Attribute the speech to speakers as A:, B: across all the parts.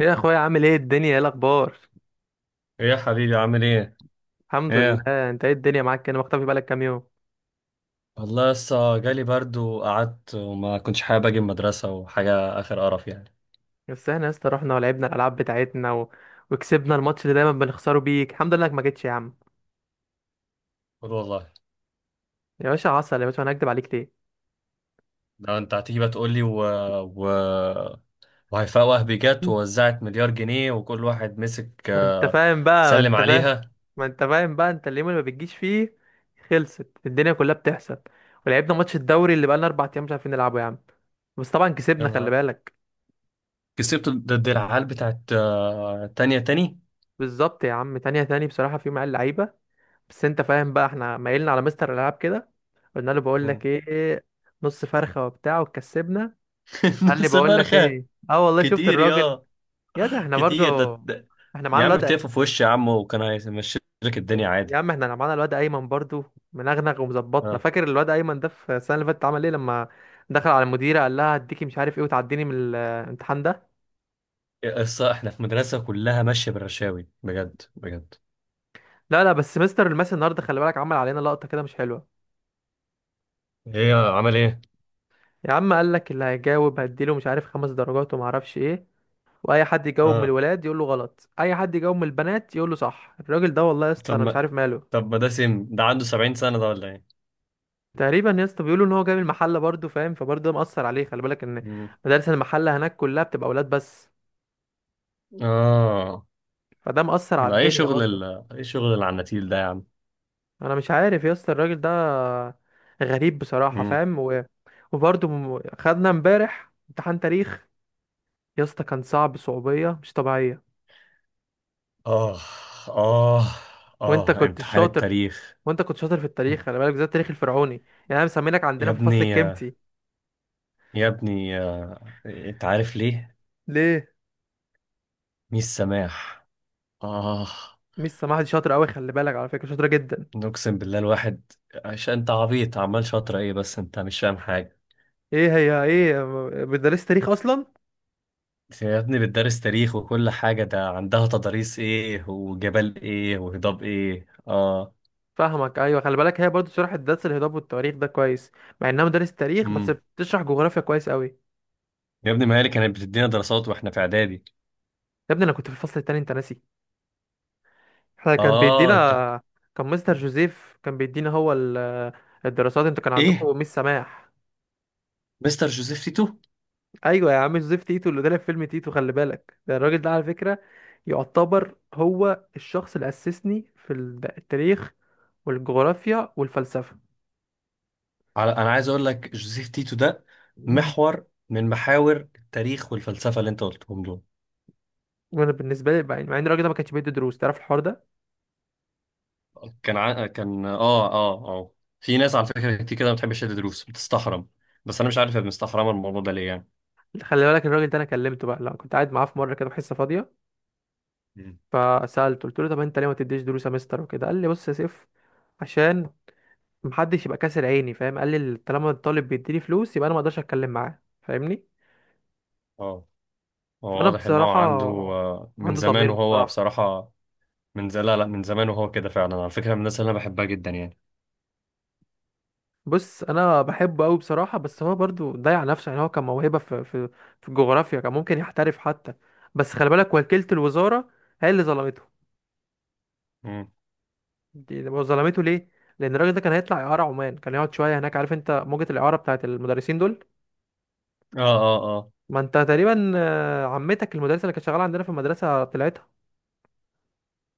A: ايه يا اخويا، عامل ايه؟ الدنيا ايه الاخبار؟
B: ايه يا حبيبي، عامل ايه؟
A: الحمد
B: ايه؟
A: لله. انت ايه، الدنيا معاك كده؟ مختفي بقالك كام يوم.
B: والله لسه جالي برد وقعدت وما كنتش حابب اجي المدرسة وحاجة، اخر قرف يعني.
A: بس احنا يا اسطى رحنا ولعبنا الالعاب بتاعتنا وكسبنا الماتش اللي دايما بنخسره بيك. الحمد لله انك ما جيتش يا عم.
B: قول والله.
A: يا باشا، عسل يا باشا، انا هكدب عليك ليه؟
B: ده انت هتيجي بقى تقول لي و... وهيفاء وهبي جت ووزعت مليار جنيه وكل واحد مسك
A: ما انت
B: آه،
A: فاهم بقى، ما
B: سلم
A: انت فاهم.
B: عليها.
A: ما انت فاهم بقى، انت اليوم اللي ما بتجيش فيه خلصت الدنيا كلها بتحصل. ولعبنا ماتش الدوري اللي بقالنا اربع ايام مش عارفين نلعبه يا عم. بس طبعا
B: يا
A: كسبنا، خلي
B: نهار!
A: بالك.
B: كسبت ضد العيال بتاعت تانية تاني.
A: بالظبط يا عم، تانية تاني. بصراحة في مع اللعيبة، بس انت فاهم بقى، احنا مايلنا على مستر الالعاب كده. قلنا له بقول لك
B: مم.
A: ايه، نص فرخه وبتاع، وكسبنا. قال لي
B: نص
A: بقول لك
B: فرخة.
A: ايه، اه والله شفت
B: كتير
A: الراجل.
B: يا.
A: يا ده احنا برضو،
B: كتير
A: احنا
B: يا
A: معانا
B: عم
A: الواد
B: تقف في وشي يا عم، وكان هيمشي لك الدنيا
A: يا
B: عادي.
A: عم احنا معانا الواد ايمن برضو، منغنغ ومظبطنا. فاكر الواد ايمن ده في السنه اللي فاتت عمل ايه؟ لما دخل على المديره قال لها هديكي مش عارف ايه وتعديني من الامتحان ده.
B: احنا في مدرسة كلها ماشية بالرشاوي، بجد بجد.
A: لا لا بس مستر الماس النهارده، خلي بالك، عمل علينا لقطه كده مش حلوه.
B: ايه عمل ايه؟
A: يا عم قال لك اللي هيجاوب هديله مش عارف خمس درجات وما اعرفش ايه. واي حد يجاوب من
B: اه.
A: الولاد يقول له غلط، اي حد يجاوب من البنات يقول له صح. الراجل ده والله يا اسطى
B: طب
A: انا مش
B: ما
A: عارف ماله.
B: طب ما ده سم، ده عنده 70 سنة ده ولا ايه؟
A: تقريبا يا اسطى بيقولوا ان هو جاي من المحله برضه، فاهم؟ فبرضه ده مأثر عليه. خلي بالك ان
B: مم.
A: مدارس المحله هناك كلها بتبقى اولاد بس،
B: اه.
A: فده مأثر على
B: ده ايه
A: الدنيا
B: شغل
A: برضه.
B: ال ايه شغل العناتيل ده يا عم؟
A: انا مش عارف يا اسطى، الراجل ده غريب بصراحه،
B: مم.
A: فاهم؟ خدنا امبارح امتحان تاريخ. يا اسطى كان صعب صعوبيه مش طبيعيه.
B: اه اه
A: وانت
B: اه.
A: كنت
B: امتحان
A: شاطر،
B: التاريخ.
A: وانت كنت شاطر في التاريخ، خلي بالك، بالذات التاريخ الفرعوني. يعني انا مسمينك
B: يا
A: عندنا في الفصل
B: ابني
A: الكمتي.
B: يا ابني، انت عارف ليه؟
A: ليه؟
B: ميس سماح. اه.
A: ميس سماح دي شاطرة أوي، خلي بالك، على فكرة شاطرة جدا.
B: نقسم بالله الواحد. عشان انت عبيط عمال شاطر ايه، بس انت مش فاهم حاجة.
A: إيه هي إيه، مدرسة تاريخ أصلا.
B: يا ابني بتدرس تاريخ وكل حاجة، ده عندها تضاريس ايه وجبال ايه وهضاب ايه. اه.
A: فاهمك، أيوة، خلي بالك، هي برضو شرحت درس الهضاب والتواريخ ده كويس، مع إنها مدرسة تاريخ بس
B: امم.
A: بتشرح جغرافيا كويس أوي.
B: يا ابني ما هي اللي كانت بتدينا دراسات واحنا في اعدادي.
A: يا ابني أنا كنت في الفصل التاني، أنت ناسي. إحنا كان بيدينا،
B: اه
A: كان مستر جوزيف كان بيدينا، الدراسات أنتوا كان
B: ايه.
A: عندكم ميس سماح.
B: مستر جوزيف تيتو.
A: أيوة يا عم، جوزيف تيتو اللي طلع في فيلم تيتو، خلي بالك، ده الراجل ده على فكرة يعتبر هو الشخص اللي أسسني في التاريخ والجغرافيا والفلسفة.
B: على، انا عايز اقول لك جوزيف تيتو ده محور من محاور التاريخ والفلسفة اللي انت قلتهم دول.
A: وانا بالنسبه لي بقى، مع ان الراجل ده ما كانش بيدي دروس، تعرف الحوار ده.
B: كان اه. في ناس على فكرة كتير كده ما بتحبش تدي دروس، بتستحرم. بس انا مش عارف هي مستحرمة الموضوع ده ليه يعني.
A: خلي بالك الراجل ده انا كلمته بقى، لا كنت قاعد معاه في مره كده في حصه فاضيه،
B: مم.
A: فسالته قلت له طب انت ليه ما تديش دروس يا مستر وكده. قال لي بص يا سيف، عشان محدش يبقى كاسر عيني، فاهم؟ قال لي طالما الطالب بيديني فلوس يبقى انا ما اقدرش اتكلم معاه، فاهمني؟
B: اه. هو
A: فانا
B: واضح ان هو
A: بصراحه،
B: عنده من
A: عنده
B: زمان،
A: ضمير
B: وهو
A: بصراحه.
B: بصراحة. لا لا، من زمان وهو كده فعلا. على فكرة من الناس اللي انا بحبها جدا يعني.
A: بص انا بحبه قوي بصراحه، بس هو برضو ضيع نفسه. يعني هو كان موهبه في في الجغرافيا، كان ممكن يحترف حتى. بس خلي بالك وكيله الوزاره هي اللي ظلمته.
B: مم.
A: دي هو ظلمته ليه؟ لان الراجل ده كان هيطلع اعاره عمان، كان يقعد شويه هناك. عارف انت موجه الاعاره بتاعت المدرسين دول،
B: اه اه اه.
A: ما انت تقريبا عمتك المدرسه اللي كانت شغاله عندنا في المدرسه طلعتها.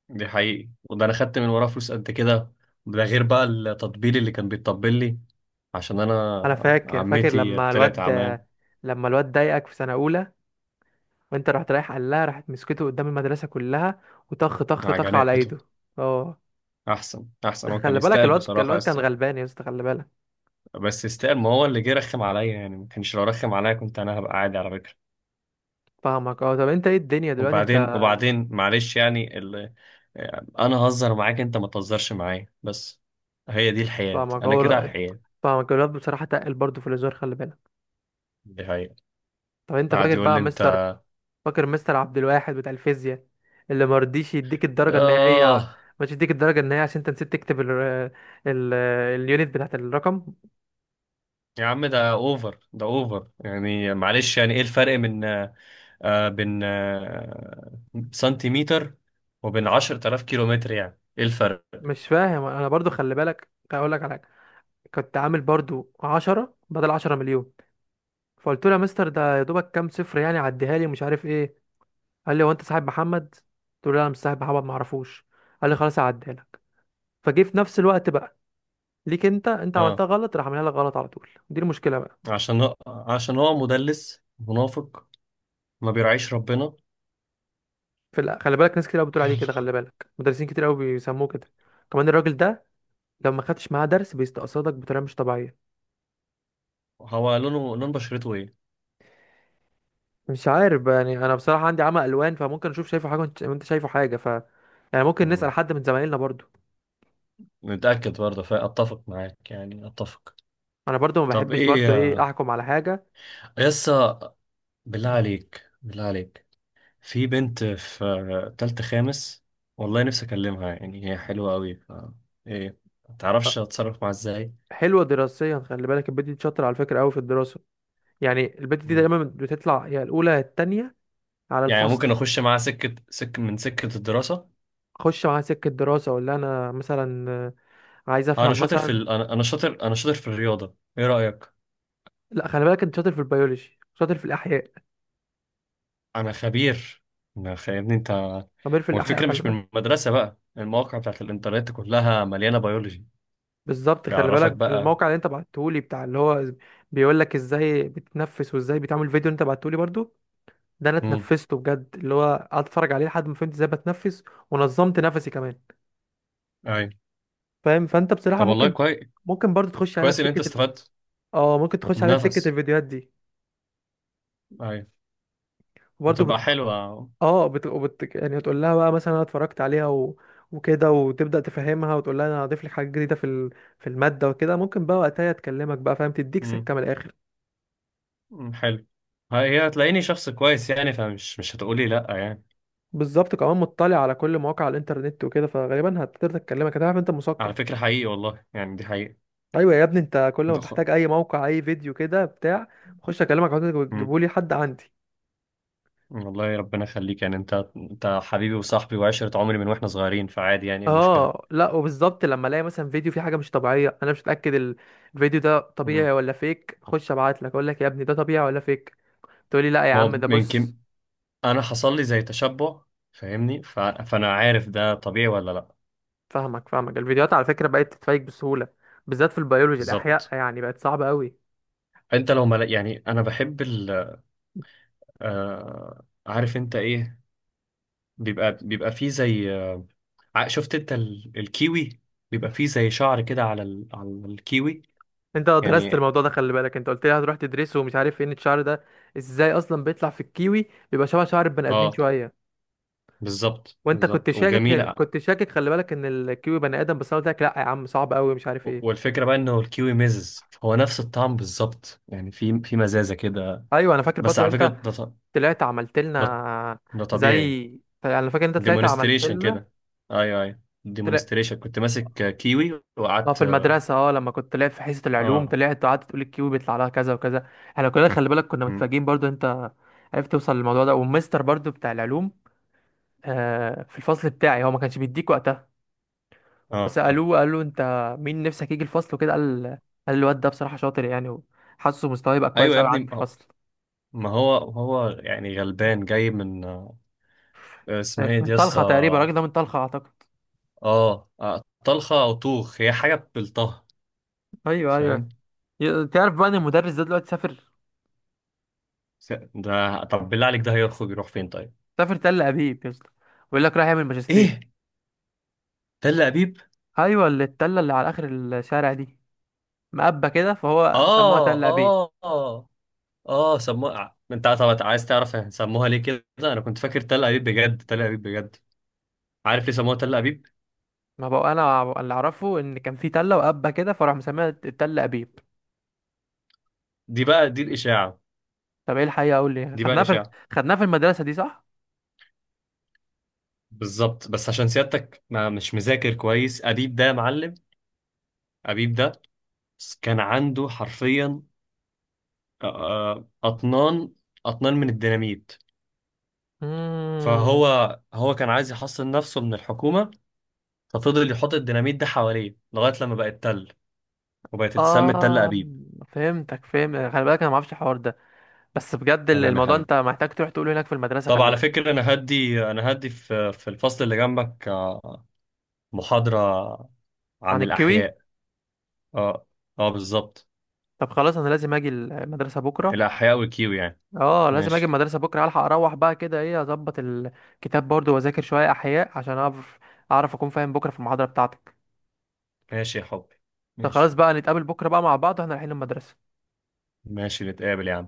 B: دي حقيقي، وده انا خدت من وراه فلوس قد كده. ده غير بقى التطبيل اللي كان بيتطبل لي عشان
A: انا
B: انا
A: فاكر، فاكر
B: عمتي
A: لما
B: طلعت
A: الواد،
B: عمان.
A: لما الواد ضايقك في سنه اولى، وانت رحت رايح قال لها، راحت مسكته قدام المدرسه كلها، وطخ طخ طخ على
B: عجنته.
A: ايده. اه،
B: احسن احسن، هو كان
A: خلي بالك
B: يستاهل
A: الواد
B: بصراحة يا
A: الواد كان
B: اسطى.
A: غلبان يا اسطى، خلي بالك.
B: بس يستاهل، ما هو اللي جه رخم عليا يعني، ما كانش لو رخم عليا كنت انا هبقى عادي على فكرة.
A: فاهمك، اه. طب انت ايه الدنيا دلوقتي انت؟
B: وبعدين معلش يعني انا هزر معاك، انت ما تهزرش معايا بس. هي دي الحياة،
A: فاهمك،
B: انا
A: اه،
B: كده على
A: لا،
B: الحياة.
A: فاهمك. الواد بصراحه تقل برضه في الهزار، خلي بالك.
B: دي حقيقة.
A: طب انت
B: قعد
A: فاكر
B: يقول لي
A: بقى
B: انت
A: مستر، فاكر مستر عبد الواحد بتاع الفيزياء اللي ما رضيش يديك الدرجة النهائية
B: آه
A: ما رضيش يديك الدرجة النهائية عشان انت نسيت تكتب ال اليونت بتاعت الرقم؟
B: يا عم ده اوفر، ده اوفر يعني. معلش يعني ايه الفرق من بين سنتيمتر وبين 10,000 كيلومتر؟ يعني ايه الفرق؟
A: مش فاهم انا برضو. خلي بالك اقول لك على حاجة، كنت عامل برضو 10 بدل 10 مليون. فقلت له يا مستر ده يا دوبك كام صفر يعني، عديها لي، مش عارف ايه. قال لي هو انت صاحب محمد؟ قلت له لا انا مش صاحب محمد، ما اعرفوش. قال لي خلاص هعديها لك. فجه في نفس الوقت بقى ليك انت، انت
B: اه.
A: عملتها غلط، راح عاملها لك غلط على طول. دي المشكلة بقى.
B: عشان هو مدلس منافق، ما بيرعيش ربنا.
A: خلي بالك ناس كتير قوي بتقول عليه كده،
B: يلا.
A: خلي بالك، مدرسين كتير قوي بيسموه كده. كمان الراجل ده لو ما خدتش معاه درس بيستقصدك بطريقه مش طبيعيه.
B: هو لونه لون بشرته.
A: مش عارف بقى، يعني انا بصراحه عندي عمى الوان، فممكن اشوف شايفه حاجه وأنت شايفه حاجه. يعني ممكن نسال
B: ايه؟
A: حد من زمايلنا برضو.
B: متأكد برضه، فأتفق معاك يعني، أتفق.
A: انا برضو ما
B: طب
A: بحبش برضو ايه
B: إيه.
A: احكم على حاجه.
B: يسا، بالله عليك، بالله عليك. في بنت في تالتة خامس، والله نفسي أكلمها. يعني هي حلوة أوي، ف... إيه.
A: أه،
B: متعرفش أتصرف معاها إزاي.
A: حلوه دراسيا، خلي بالك، البت دي شاطره على فكره قوي في الدراسه. يعني البت دي
B: مم.
A: دايما بتطلع يا الاولى يا التانيه على
B: يعني
A: الفصل.
B: ممكن أخش معاها سكة، من سكة الدراسة.
A: خش معاها سكه دراسه. ولا انا مثلا عايز
B: أنا
A: افهم
B: شاطر في
A: مثلا،
B: ال... أنا أنا شاطر أنا شاطر في الرياضة، إيه رأيك؟
A: لا، خلي بالك انت شاطر في البيولوجي، شاطر في الاحياء،
B: أنا خبير. يا ابني أنت.
A: خبير في الاحياء،
B: والفكرة
A: خلي
B: مش
A: بالك.
B: من المدرسة بقى، المواقع بتاعت الإنترنت كلها مليانة بيولوجي.
A: بالظبط، خلي
B: بيعرفك
A: بالك
B: بقى.
A: الموقع اللي انت بعته لي بتاع اللي هو بيقول لك ازاي بتتنفس وازاي بتعمل، فيديو اللي انت بعته لي برضو ده انا اتنفسته بجد، اللي هو قعدت اتفرج عليه لحد ما فهمت ازاي بتنفس، ونظمت نفسي كمان،
B: ايوه.
A: فاهم؟ فانت بصراحة
B: طب والله
A: ممكن،
B: كويس.
A: ممكن برضو تخش عليها
B: كويس ان انت
A: بسكة
B: استفدت.
A: اه ممكن تخش عليها بسكة
B: النفس.
A: الفيديوهات دي
B: ايوه.
A: برضو.
B: هتبقى حلوة.
A: اه يعني تقول لها بقى مثلا انا اتفرجت عليها وكده، وتبدأ تفهمها، وتقول لها انا هضيف لك حاجة جديدة في المادة وكده. ممكن بقى وقتها تكلمك بقى، فاهم؟ تديك
B: امم.
A: سكة من الآخر.
B: حلو. هي هتلاقيني شخص كويس يعني، فمش مش هتقولي لا يعني.
A: بالظبط، كمان مطلع على كل مواقع الانترنت وكده، فغالبا هتقدر تكلمك، هتعرف انت مثقف.
B: على فكرة حقيقي والله يعني، دي حقيقة.
A: ايوه يا ابني، انت كل ما
B: ده
A: بحتاج
B: خ...
A: اي موقع، اي فيديو كده بتاع، بخش اكلمك، عاوزين
B: أمم،
A: تجيبوا لي حد عندي.
B: والله ربنا يخليك. يعني انت حبيبي وصاحبي وعشرة عمري من واحنا صغيرين، فعادي يعني، ايه المشكلة.
A: اه لا، وبالظبط لما الاقي مثلا فيديو فيه حاجه مش طبيعيه انا مش متاكد الفيديو ده
B: أمم.
A: طبيعي ولا فيك، اخش ابعت لك اقول لك يا ابني ده طبيعي ولا فيك، تقولي لا يا
B: ما
A: عم
B: هو
A: ده
B: يمكن
A: بص.
B: انا حصل لي زي تشبع، فاهمني. فانا عارف ده طبيعي ولا لا.
A: فاهمك، فاهمك. الفيديوهات على فكرة بقت تتفيك بسهولة، بالذات في البيولوجي الأحياء،
B: بالظبط.
A: يعني بقت صعبة قوي.
B: انت لو ما لا- يعني انا بحب ال... عارف انت ايه. بيبقى فيه زي شفت انت الكيوي. بيبقى فيه زي شعر كده على على الكيوي.
A: انت درست
B: يعني.
A: الموضوع ده، خلي بالك، انت قلت لي هتروح تدرسه ومش عارف فين الشعر ده، ازاي اصلا بيطلع في الكيوي، بيبقى شبه شعر البني ادمين
B: اه.
A: شوية.
B: بالظبط
A: وانت كنت
B: بالظبط،
A: شاكك،
B: وجميلة.
A: كنت شاكك، خلي بالك، ان الكيوي بني ادم، بس انا قلت لك لا يا عم صعب قوي، مش عارف ايه.
B: والفكرة بقى انه الكيوي مزز، هو نفس الطعم بالظبط يعني في مزازة كده.
A: ايوه انا فاكر،
B: بس
A: بطل
B: على فكرة
A: انت، طلعت عملت
B: ده,
A: لنا
B: ده طبيعي.
A: زي، يعني انا فاكر انت طلعت عملت
B: ديمونستريشن
A: لنا،
B: كده. ايوه ايوه. ديمونستريشن، كنت ماسك كيوي
A: اه،
B: وقعدت،
A: في
B: اه.
A: المدرسة، اه لما كنت طلعت في حصة العلوم،
B: آه.
A: طلعت وقعدت تقول الكيو بيطلع لها كذا وكذا، احنا كلنا خلي بالك كنا
B: مم.
A: متفاجئين برضو انت عرفت توصل للموضوع ده. والمستر برضو بتاع العلوم، آه، في الفصل بتاعي، هو ما كانش بيديك وقتها.
B: اه. آه.
A: فسألوه، قالوا انت مين نفسك يجي الفصل وكده، قال، قال الواد ده بصراحة شاطر يعني، وحاسه مستواه يبقى
B: ايوه
A: كويس
B: يا
A: قوي
B: ابني،
A: عند
B: ما هو
A: الفصل.
B: ما هو هو يعني غلبان، جاي من اسمها ايه
A: من
B: دي
A: طلخة تقريبا
B: يسطا؟
A: الراجل ده، من طلخة اعتقد.
B: اه. آه. طلخة او طوخ، هي حاجة بالطه.
A: ايوه ايوه.
B: فاهم.
A: تعرف بقى ان المدرس ده دلوقتي سافر،
B: ده طب بالله عليك ده هيخرج يروح فين طيب؟
A: سافر تل ابيب يا اسطى، ويقول لك رايح يعمل ماجستير.
B: ايه؟ تل ابيب؟
A: ايوه، اللي التله اللي على اخر الشارع دي مقبة كده، فهو سموها
B: اه
A: تل أبيب.
B: اه اه اه. سموها انت، طب عايز تعرف سموها ليه كده؟ انا كنت فاكر تل ابيب بجد، تل ابيب بجد. عارف ليه سموها تل ابيب؟
A: ما بقى أنا اللي أعرفه إن كان في تلة وقبة كده، فراح مسميها تل أبيب.
B: دي بقى، دي الاشاعة.
A: طب إيه الحقيقة، أقول لي،
B: دي بقى
A: خدناها في،
B: الاشاعة.
A: خدناها في المدرسة دي صح؟
B: بالظبط، بس عشان سيادتك ما مش مذاكر كويس. ابيب ده يا معلم، ابيب ده كان عنده حرفيا أطنان، أطنان من الديناميت.
A: امم،
B: فهو، هو كان عايز يحصن نفسه من الحكومة. ففضل يحط الديناميت ده حواليه لغاية لما بقت تل، وبقت تسمى تل
A: آه،
B: أبيب.
A: فهمتك، فهمت، خلي بالك أنا ما أعرفش الحوار ده. بس بجد
B: تمام يا
A: الموضوع
B: حبيبي.
A: أنت محتاج تروح تقوله هناك في المدرسة،
B: طب
A: خلي
B: على
A: بالك.
B: فكرة أنا هدي في الفصل اللي جنبك، محاضرة
A: عن
B: عن
A: الكيوي.
B: الأحياء. اه. اه بالظبط.
A: طب خلاص أنا لازم أجي المدرسة بكرة.
B: الأحياء والكيو يعني.
A: آه لازم أجي
B: ماشي.
A: المدرسة بكرة ألحق أروح بقى كده، إيه، أظبط الكتاب برضو وأذاكر شوية أحياء عشان أعرف أكون فاهم بكرة في المحاضرة بتاعتك.
B: ماشي يا حبي.
A: طب خلاص
B: ماشي.
A: بقى نتقابل بكرة بقى مع بعض واحنا رايحين المدرسة.
B: ماشي، نتقابل يا عم.